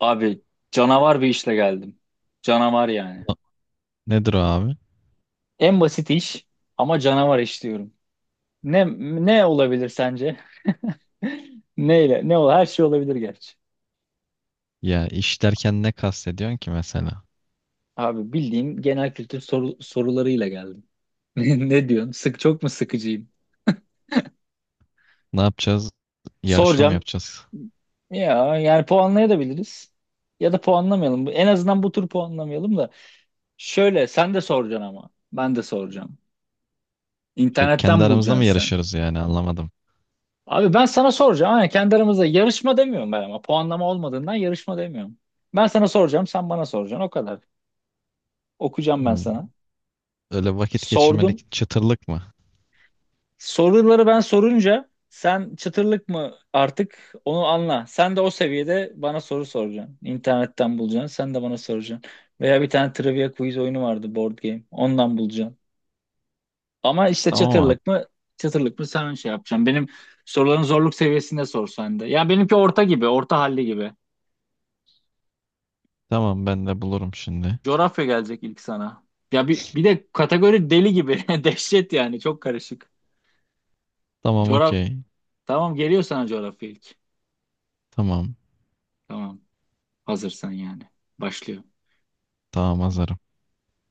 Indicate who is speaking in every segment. Speaker 1: Abi, canavar bir işle geldim. Canavar yani.
Speaker 2: A- Nedir o abi?
Speaker 1: En basit iş ama canavar iş diyorum. Ne ne olabilir sence? Neyle? Ne ol? Her şey olabilir gerçi.
Speaker 2: Ya iş derken ne kastediyorsun ki mesela?
Speaker 1: Abi, bildiğim genel kültür sorularıyla geldim. Ne diyorsun? Çok mu sıkıcıyım?
Speaker 2: Ne yapacağız? Yarışma mı
Speaker 1: Soracağım.
Speaker 2: yapacağız?
Speaker 1: Ya yani puanlayabiliriz. Ya da puanlamayalım. En azından bu tur puanlamayalım da. Şöyle sen de soracaksın ama. Ben de soracağım.
Speaker 2: Kendi
Speaker 1: İnternetten
Speaker 2: aramızda mı
Speaker 1: bulacaksın.
Speaker 2: yarışırız yani anlamadım.
Speaker 1: Abi, ben sana soracağım. Aynen, kendi aramızda yarışma demiyorum ben ama. Puanlama olmadığından yarışma demiyorum. Ben sana soracağım, sen bana soracaksın. O kadar. Okuyacağım ben
Speaker 2: Hmm.
Speaker 1: sana.
Speaker 2: Öyle vakit
Speaker 1: Sordum.
Speaker 2: geçirmelik çıtırlık mı?
Speaker 1: Soruları ben sorunca sen çıtırlık mı artık onu anla. Sen de o seviyede bana soru soracaksın. İnternetten bulacaksın. Sen de bana soracaksın. Veya bir tane trivia quiz oyunu vardı, board game. Ondan bulacaksın. Ama işte
Speaker 2: Tamam abi.
Speaker 1: çıtırlık mı sen şey yapacaksın. Benim soruların zorluk seviyesinde sor sen de. Ya benimki orta gibi, orta halli gibi.
Speaker 2: Tamam ben de bulurum şimdi.
Speaker 1: Coğrafya gelecek ilk sana. Ya bir de kategori deli gibi. Dehşet yani. Çok karışık.
Speaker 2: Tamam
Speaker 1: Coğraf,
Speaker 2: okey.
Speaker 1: Tamam, geliyor sana coğrafya ilk.
Speaker 2: Tamam.
Speaker 1: Tamam. Hazırsan yani. Başlıyor.
Speaker 2: Tamam hazırım.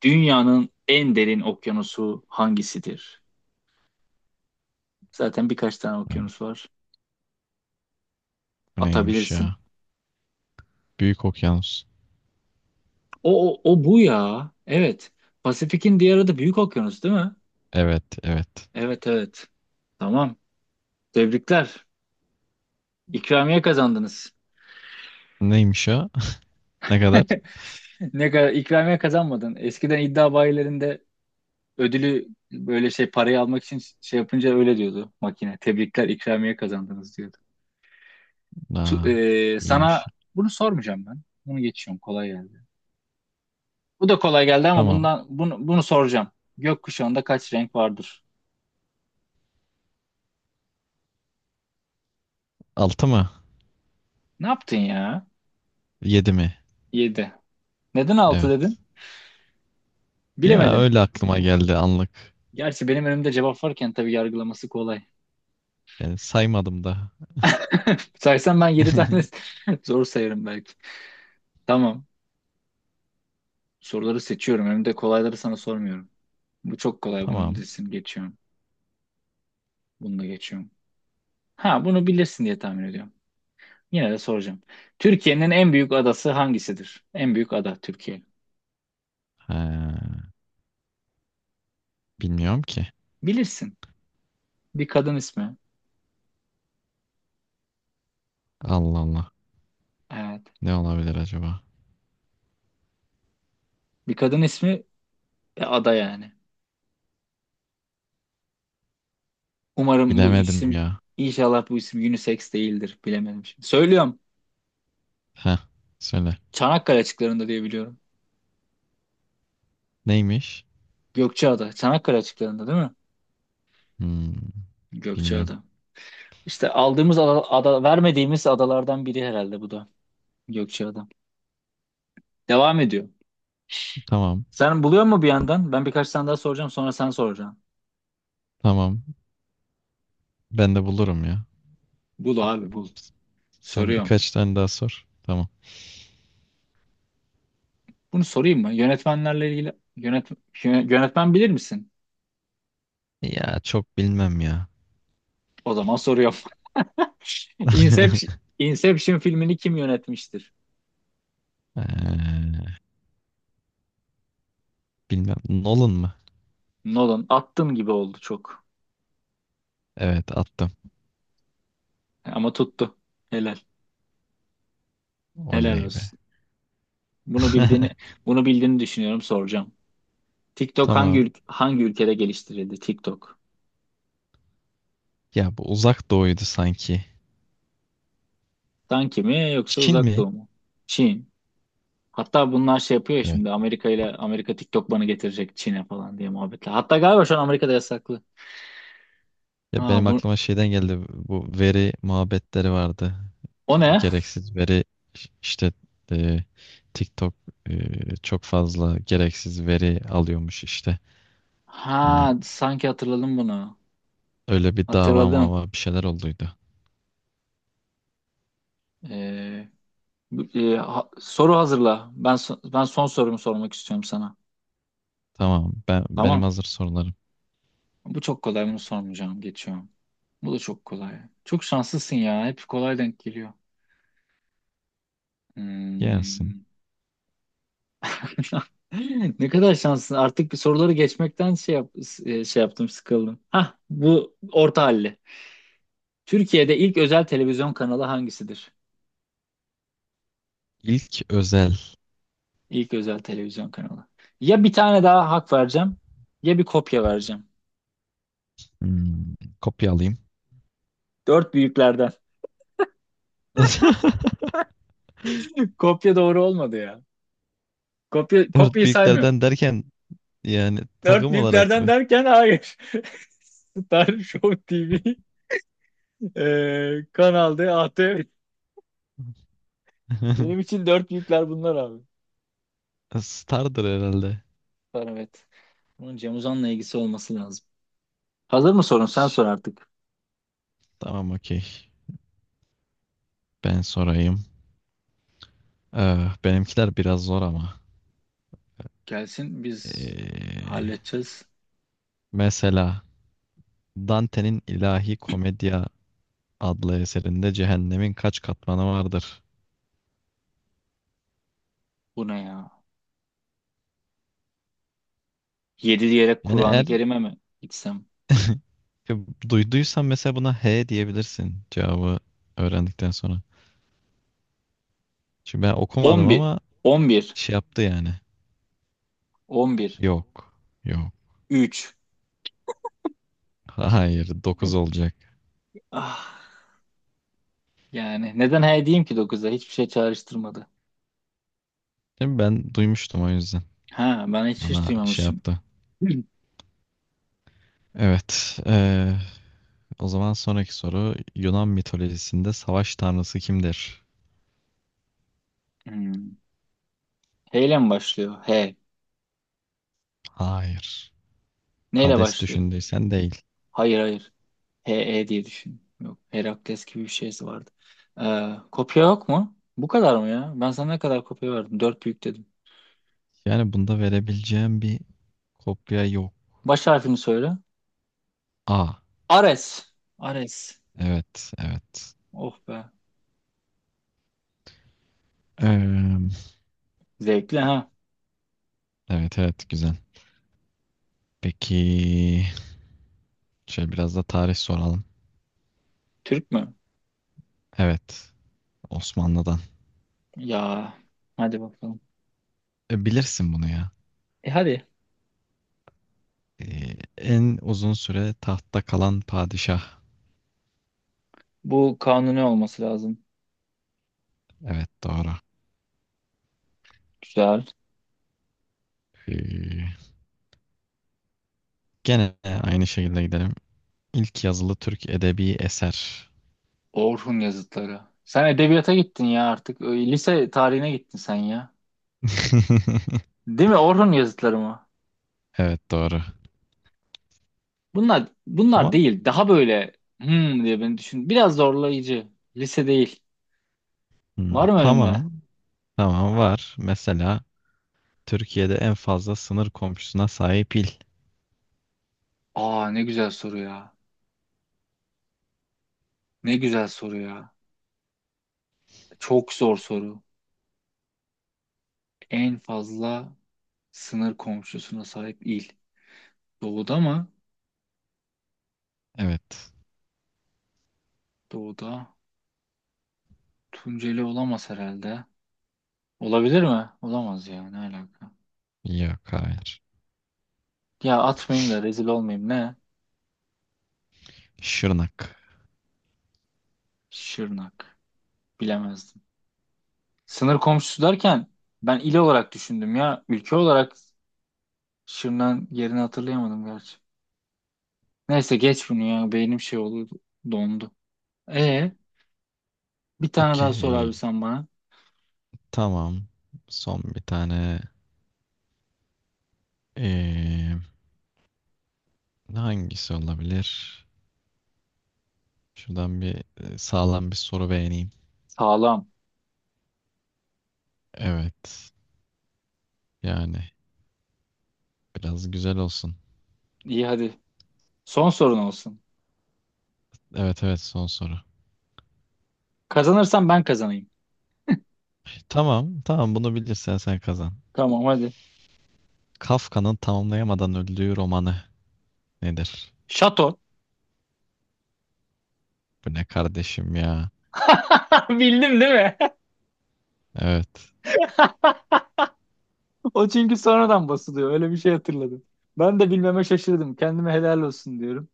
Speaker 1: Dünyanın en derin okyanusu hangisidir? Zaten birkaç tane
Speaker 2: Hı,
Speaker 1: okyanus var.
Speaker 2: bu neymiş
Speaker 1: Atabilirsin.
Speaker 2: ya? Büyük okyanus.
Speaker 1: O bu ya. Evet. Pasifik'in diğer adı Büyük Okyanus değil mi?
Speaker 2: Evet evet.
Speaker 1: Evet, evet. Tamam. Tebrikler. İkramiye kazandınız.
Speaker 2: Neymiş o? Ne kadar?
Speaker 1: Ne kadar ikramiye kazanmadın. Eskiden iddia bayilerinde ödülü böyle şey, parayı almak için şey yapınca öyle diyordu makine. Tebrikler, ikramiye kazandınız diyordu. Tu-
Speaker 2: Aa, iyiymiş.
Speaker 1: sana bunu sormayacağım ben. Bunu geçiyorum. Kolay geldi. Bu da kolay geldi ama
Speaker 2: Tamam.
Speaker 1: bunu soracağım. Gökkuşağında kaç renk vardır?
Speaker 2: Altı mı?
Speaker 1: Ne yaptın ya?
Speaker 2: Yedi mi?
Speaker 1: 7. Neden 6
Speaker 2: Evet.
Speaker 1: dedin?
Speaker 2: Ya
Speaker 1: Bilemedin.
Speaker 2: öyle aklıma geldi anlık.
Speaker 1: Gerçi benim önümde cevap varken tabii yargılaması kolay.
Speaker 2: Yani saymadım da.
Speaker 1: Saysam ben 7 tane zor sayarım belki. Tamam. Soruları seçiyorum. Önümde kolayları sana sormuyorum. Bu çok kolay, bunu
Speaker 2: Tamam.
Speaker 1: bilirsin. Geçiyorum. Bunu da geçiyorum. Ha, bunu bilirsin diye tahmin ediyorum. Yine de soracağım. Türkiye'nin en büyük adası hangisidir? En büyük ada, Türkiye.
Speaker 2: Ha, bilmiyorum ki.
Speaker 1: Bilirsin. Bir kadın ismi.
Speaker 2: Allah Allah.
Speaker 1: Evet.
Speaker 2: Ne olabilir acaba?
Speaker 1: Bir kadın ismi ve ada yani. Umarım bu
Speaker 2: Bilemedim
Speaker 1: isim
Speaker 2: ya.
Speaker 1: inşallah bu isim unisex değildir. Bilemedim şimdi. Söylüyorum.
Speaker 2: Heh, söyle.
Speaker 1: Çanakkale açıklarında diye biliyorum.
Speaker 2: Neymiş?
Speaker 1: Gökçeada. Çanakkale açıklarında değil mi?
Speaker 2: Hmm, bilmiyorum.
Speaker 1: Gökçeada. İşte aldığımız vermediğimiz adalardan biri herhalde bu da. Gökçeada. Devam ediyor.
Speaker 2: Tamam.
Speaker 1: Sen buluyor mu bir yandan? Ben birkaç tane daha soracağım, sonra sen soracaksın.
Speaker 2: Tamam. Ben de bulurum ya.
Speaker 1: Bul abi, bul.
Speaker 2: Sen
Speaker 1: Soruyorum.
Speaker 2: birkaç tane daha sor. Tamam.
Speaker 1: Bunu sorayım mı? Yönetmenlerle ilgili, yönetmen bilir misin?
Speaker 2: Ya çok bilmem ya.
Speaker 1: O zaman soruyorum. Inception, Inception filmini kim yönetmiştir?
Speaker 2: Ee, bilmem. Nolan mı?
Speaker 1: Nolan. Attın gibi oldu çok.
Speaker 2: Evet attım.
Speaker 1: Ama tuttu. Helal. Helal
Speaker 2: Oley be.
Speaker 1: olsun. Bunu bildiğini Bunu bildiğini düşünüyorum, soracağım. TikTok
Speaker 2: Tamam.
Speaker 1: hangi ülkede geliştirildi? TikTok.
Speaker 2: Ya bu Uzak Doğu'ydu sanki.
Speaker 1: Sanki mi yoksa
Speaker 2: Çin
Speaker 1: Uzak
Speaker 2: mi?
Speaker 1: Doğu mu? Çin. Hatta bunlar şey yapıyor ya
Speaker 2: Evet.
Speaker 1: şimdi, Amerika ile Amerika TikTok bana getirecek Çin'e falan diye muhabbetle. Hatta galiba şu an Amerika'da yasaklı.
Speaker 2: Ya
Speaker 1: Ha,
Speaker 2: benim
Speaker 1: bu
Speaker 2: aklıma şeyden geldi, bu veri muhabbetleri vardı.
Speaker 1: o ne?
Speaker 2: Gereksiz veri, işte, e, TikTok, çok fazla gereksiz veri alıyormuş işte. Hani
Speaker 1: Ha, sanki hatırladım bunu.
Speaker 2: öyle bir dava
Speaker 1: Hatırladım.
Speaker 2: mava bir şeyler olduydu.
Speaker 1: Ee, soru hazırla. Ben son sorumu sormak istiyorum sana.
Speaker 2: Tamam, ben benim
Speaker 1: Tamam.
Speaker 2: hazır sorularım.
Speaker 1: Bu çok kolay, bunu sormayacağım. Geçiyorum. Bu da çok kolay. Çok şanslısın ya. Hep kolay denk geliyor.
Speaker 2: Gelsin.
Speaker 1: Hmm. Ne kadar şanslısın. Artık bir soruları geçmekten şey yaptım, sıkıldım. Hah, bu orta halli. Türkiye'de ilk özel televizyon kanalı hangisidir?
Speaker 2: İlk özel.
Speaker 1: İlk özel televizyon kanalı. Ya bir tane daha hak vereceğim, ya bir kopya vereceğim.
Speaker 2: Hmm, kopya alayım.
Speaker 1: Dört büyüklerden. Kopya doğru olmadı ya. Kopya,
Speaker 2: Dört
Speaker 1: kopyayı saymıyor.
Speaker 2: büyüklerden derken yani
Speaker 1: Dört
Speaker 2: takım olarak
Speaker 1: büyüklerden
Speaker 2: mı?
Speaker 1: derken hayır. Star Show TV, Kanal D, ATV. Benim için dört büyükler bunlar abi.
Speaker 2: Stardır herhalde.
Speaker 1: Var, evet. Bunun Cem Uzan'la ilgisi olması lazım. Hazır mı sorun? Sen
Speaker 2: Ş-
Speaker 1: sor artık.
Speaker 2: Tamam okey. Ben sorayım. Benimkiler biraz zor ama.
Speaker 1: Gelsin, biz
Speaker 2: Eh,
Speaker 1: halledeceğiz.
Speaker 2: mesela Dante'nin İlahi Komedya adlı eserinde cehennemin kaç katmanı vardır?
Speaker 1: Bu ne ya? 7 diyerek
Speaker 2: Yani
Speaker 1: Kur'an-ı
Speaker 2: eğer
Speaker 1: Kerim'e mi gitsem?
Speaker 2: duyduysan mesela, buna H diyebilirsin cevabı öğrendikten sonra. Çünkü ben okumadım
Speaker 1: 11.
Speaker 2: ama
Speaker 1: 11.
Speaker 2: şey yaptı yani.
Speaker 1: 11.
Speaker 2: Yok. Yok.
Speaker 1: 3.
Speaker 2: Hayır, 9 olacak.
Speaker 1: Ah, yani neden he diyeyim ki 9'a? Hiçbir şey çağrıştırmadı.
Speaker 2: Şimdi ben duymuştum, o yüzden.
Speaker 1: Ha, ben hiç
Speaker 2: Bana şey
Speaker 1: duymamışım.
Speaker 2: yaptı. Evet. O zaman sonraki soru. Yunan mitolojisinde savaş tanrısı kimdir?
Speaker 1: Hmm. H ile mi başlıyor? H.
Speaker 2: Hayır.
Speaker 1: Neyle
Speaker 2: Hades
Speaker 1: başlıyor?
Speaker 2: düşündüysen, değil.
Speaker 1: Hayır, hayır. HE diye düşün. Yok. Herakles gibi bir şeysi vardı. Kopya yok mu? Bu kadar mı ya? Ben sana ne kadar kopya verdim? Dört büyük dedim.
Speaker 2: Yani bunda verebileceğim bir kopya yok.
Speaker 1: Baş harfini söyle.
Speaker 2: A.
Speaker 1: Ares. Ares.
Speaker 2: Evet, evet.
Speaker 1: Oh be.
Speaker 2: Eee,
Speaker 1: Zevkli ha.
Speaker 2: evet, evet, güzel. Peki, şöyle biraz da tarih soralım.
Speaker 1: Türk mü?
Speaker 2: Evet, Osmanlı'dan.
Speaker 1: Ya. Hadi bakalım.
Speaker 2: E, bilirsin bunu ya.
Speaker 1: E hadi.
Speaker 2: E, en uzun süre tahtta kalan padişah.
Speaker 1: Bu kanuni olması lazım.
Speaker 2: Evet, doğru.
Speaker 1: Güzel.
Speaker 2: E, gene aynı şekilde gidelim. İlk yazılı Türk edebi eser.
Speaker 1: Orhun yazıtları. Sen edebiyata gittin ya artık. Lise tarihine gittin sen ya. Değil mi? Orhun yazıtları mı?
Speaker 2: Evet, doğru.
Speaker 1: Bunlar
Speaker 2: Ama
Speaker 1: değil. Daha böyle hmm diye beni düşün. Biraz zorlayıcı. Lise değil.
Speaker 2: hmm,
Speaker 1: Var mı önünde?
Speaker 2: tamam. Tamam var. Mesela Türkiye'de en fazla sınır komşusuna sahip il.
Speaker 1: Aa, ne güzel soru ya. Ne güzel soru ya. Çok zor soru. En fazla sınır komşusuna sahip il. Doğuda mı?
Speaker 2: Evet.
Speaker 1: Doğuda. Tunceli olamaz herhalde. Olabilir mi? Olamaz ya. Ne alaka?
Speaker 2: Yok, hayır.
Speaker 1: Ya atmayayım da rezil olmayayım. Ne?
Speaker 2: Şırnak.
Speaker 1: Şırnak. Bilemezdim. Sınır komşusu derken ben il olarak düşündüm ya. Ülke olarak Şırnak'ın yerini hatırlayamadım gerçi. Neyse, geç bunu ya. Beynim şey oldu. Dondu. E, bir tane daha sor abi
Speaker 2: Okey.
Speaker 1: sen bana.
Speaker 2: Tamam. Son bir tane. Ee, hangisi olabilir? Şuradan bir sağlam bir soru beğeneyim.
Speaker 1: Sağlam.
Speaker 2: Evet. Yani biraz güzel olsun.
Speaker 1: İyi, hadi. Son sorun olsun.
Speaker 2: Evet evet, son soru.
Speaker 1: Kazanırsam ben kazanayım.
Speaker 2: Tamam tamam, bunu bilirsen sen kazan.
Speaker 1: Tamam, hadi.
Speaker 2: Kafka'nın tamamlayamadan öldüğü romanı nedir?
Speaker 1: Şato.
Speaker 2: Bu ne kardeşim ya?
Speaker 1: Bildim değil mi?
Speaker 2: Evet.
Speaker 1: O çünkü sonradan basılıyor. Öyle bir şey hatırladım. Ben de bilmeme şaşırdım. Kendime helal olsun diyorum.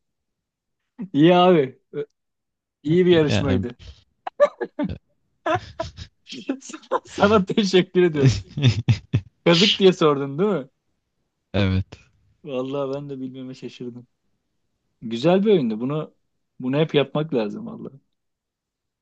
Speaker 1: İyi abi. İyi bir
Speaker 2: Yani
Speaker 1: yarışmaydı. Sana teşekkür ediyorum. Kazık diye sordun değil mi?
Speaker 2: evet.
Speaker 1: Vallahi ben de bilmeme şaşırdım. Güzel bir oyundu. Bunu hep yapmak lazım valla.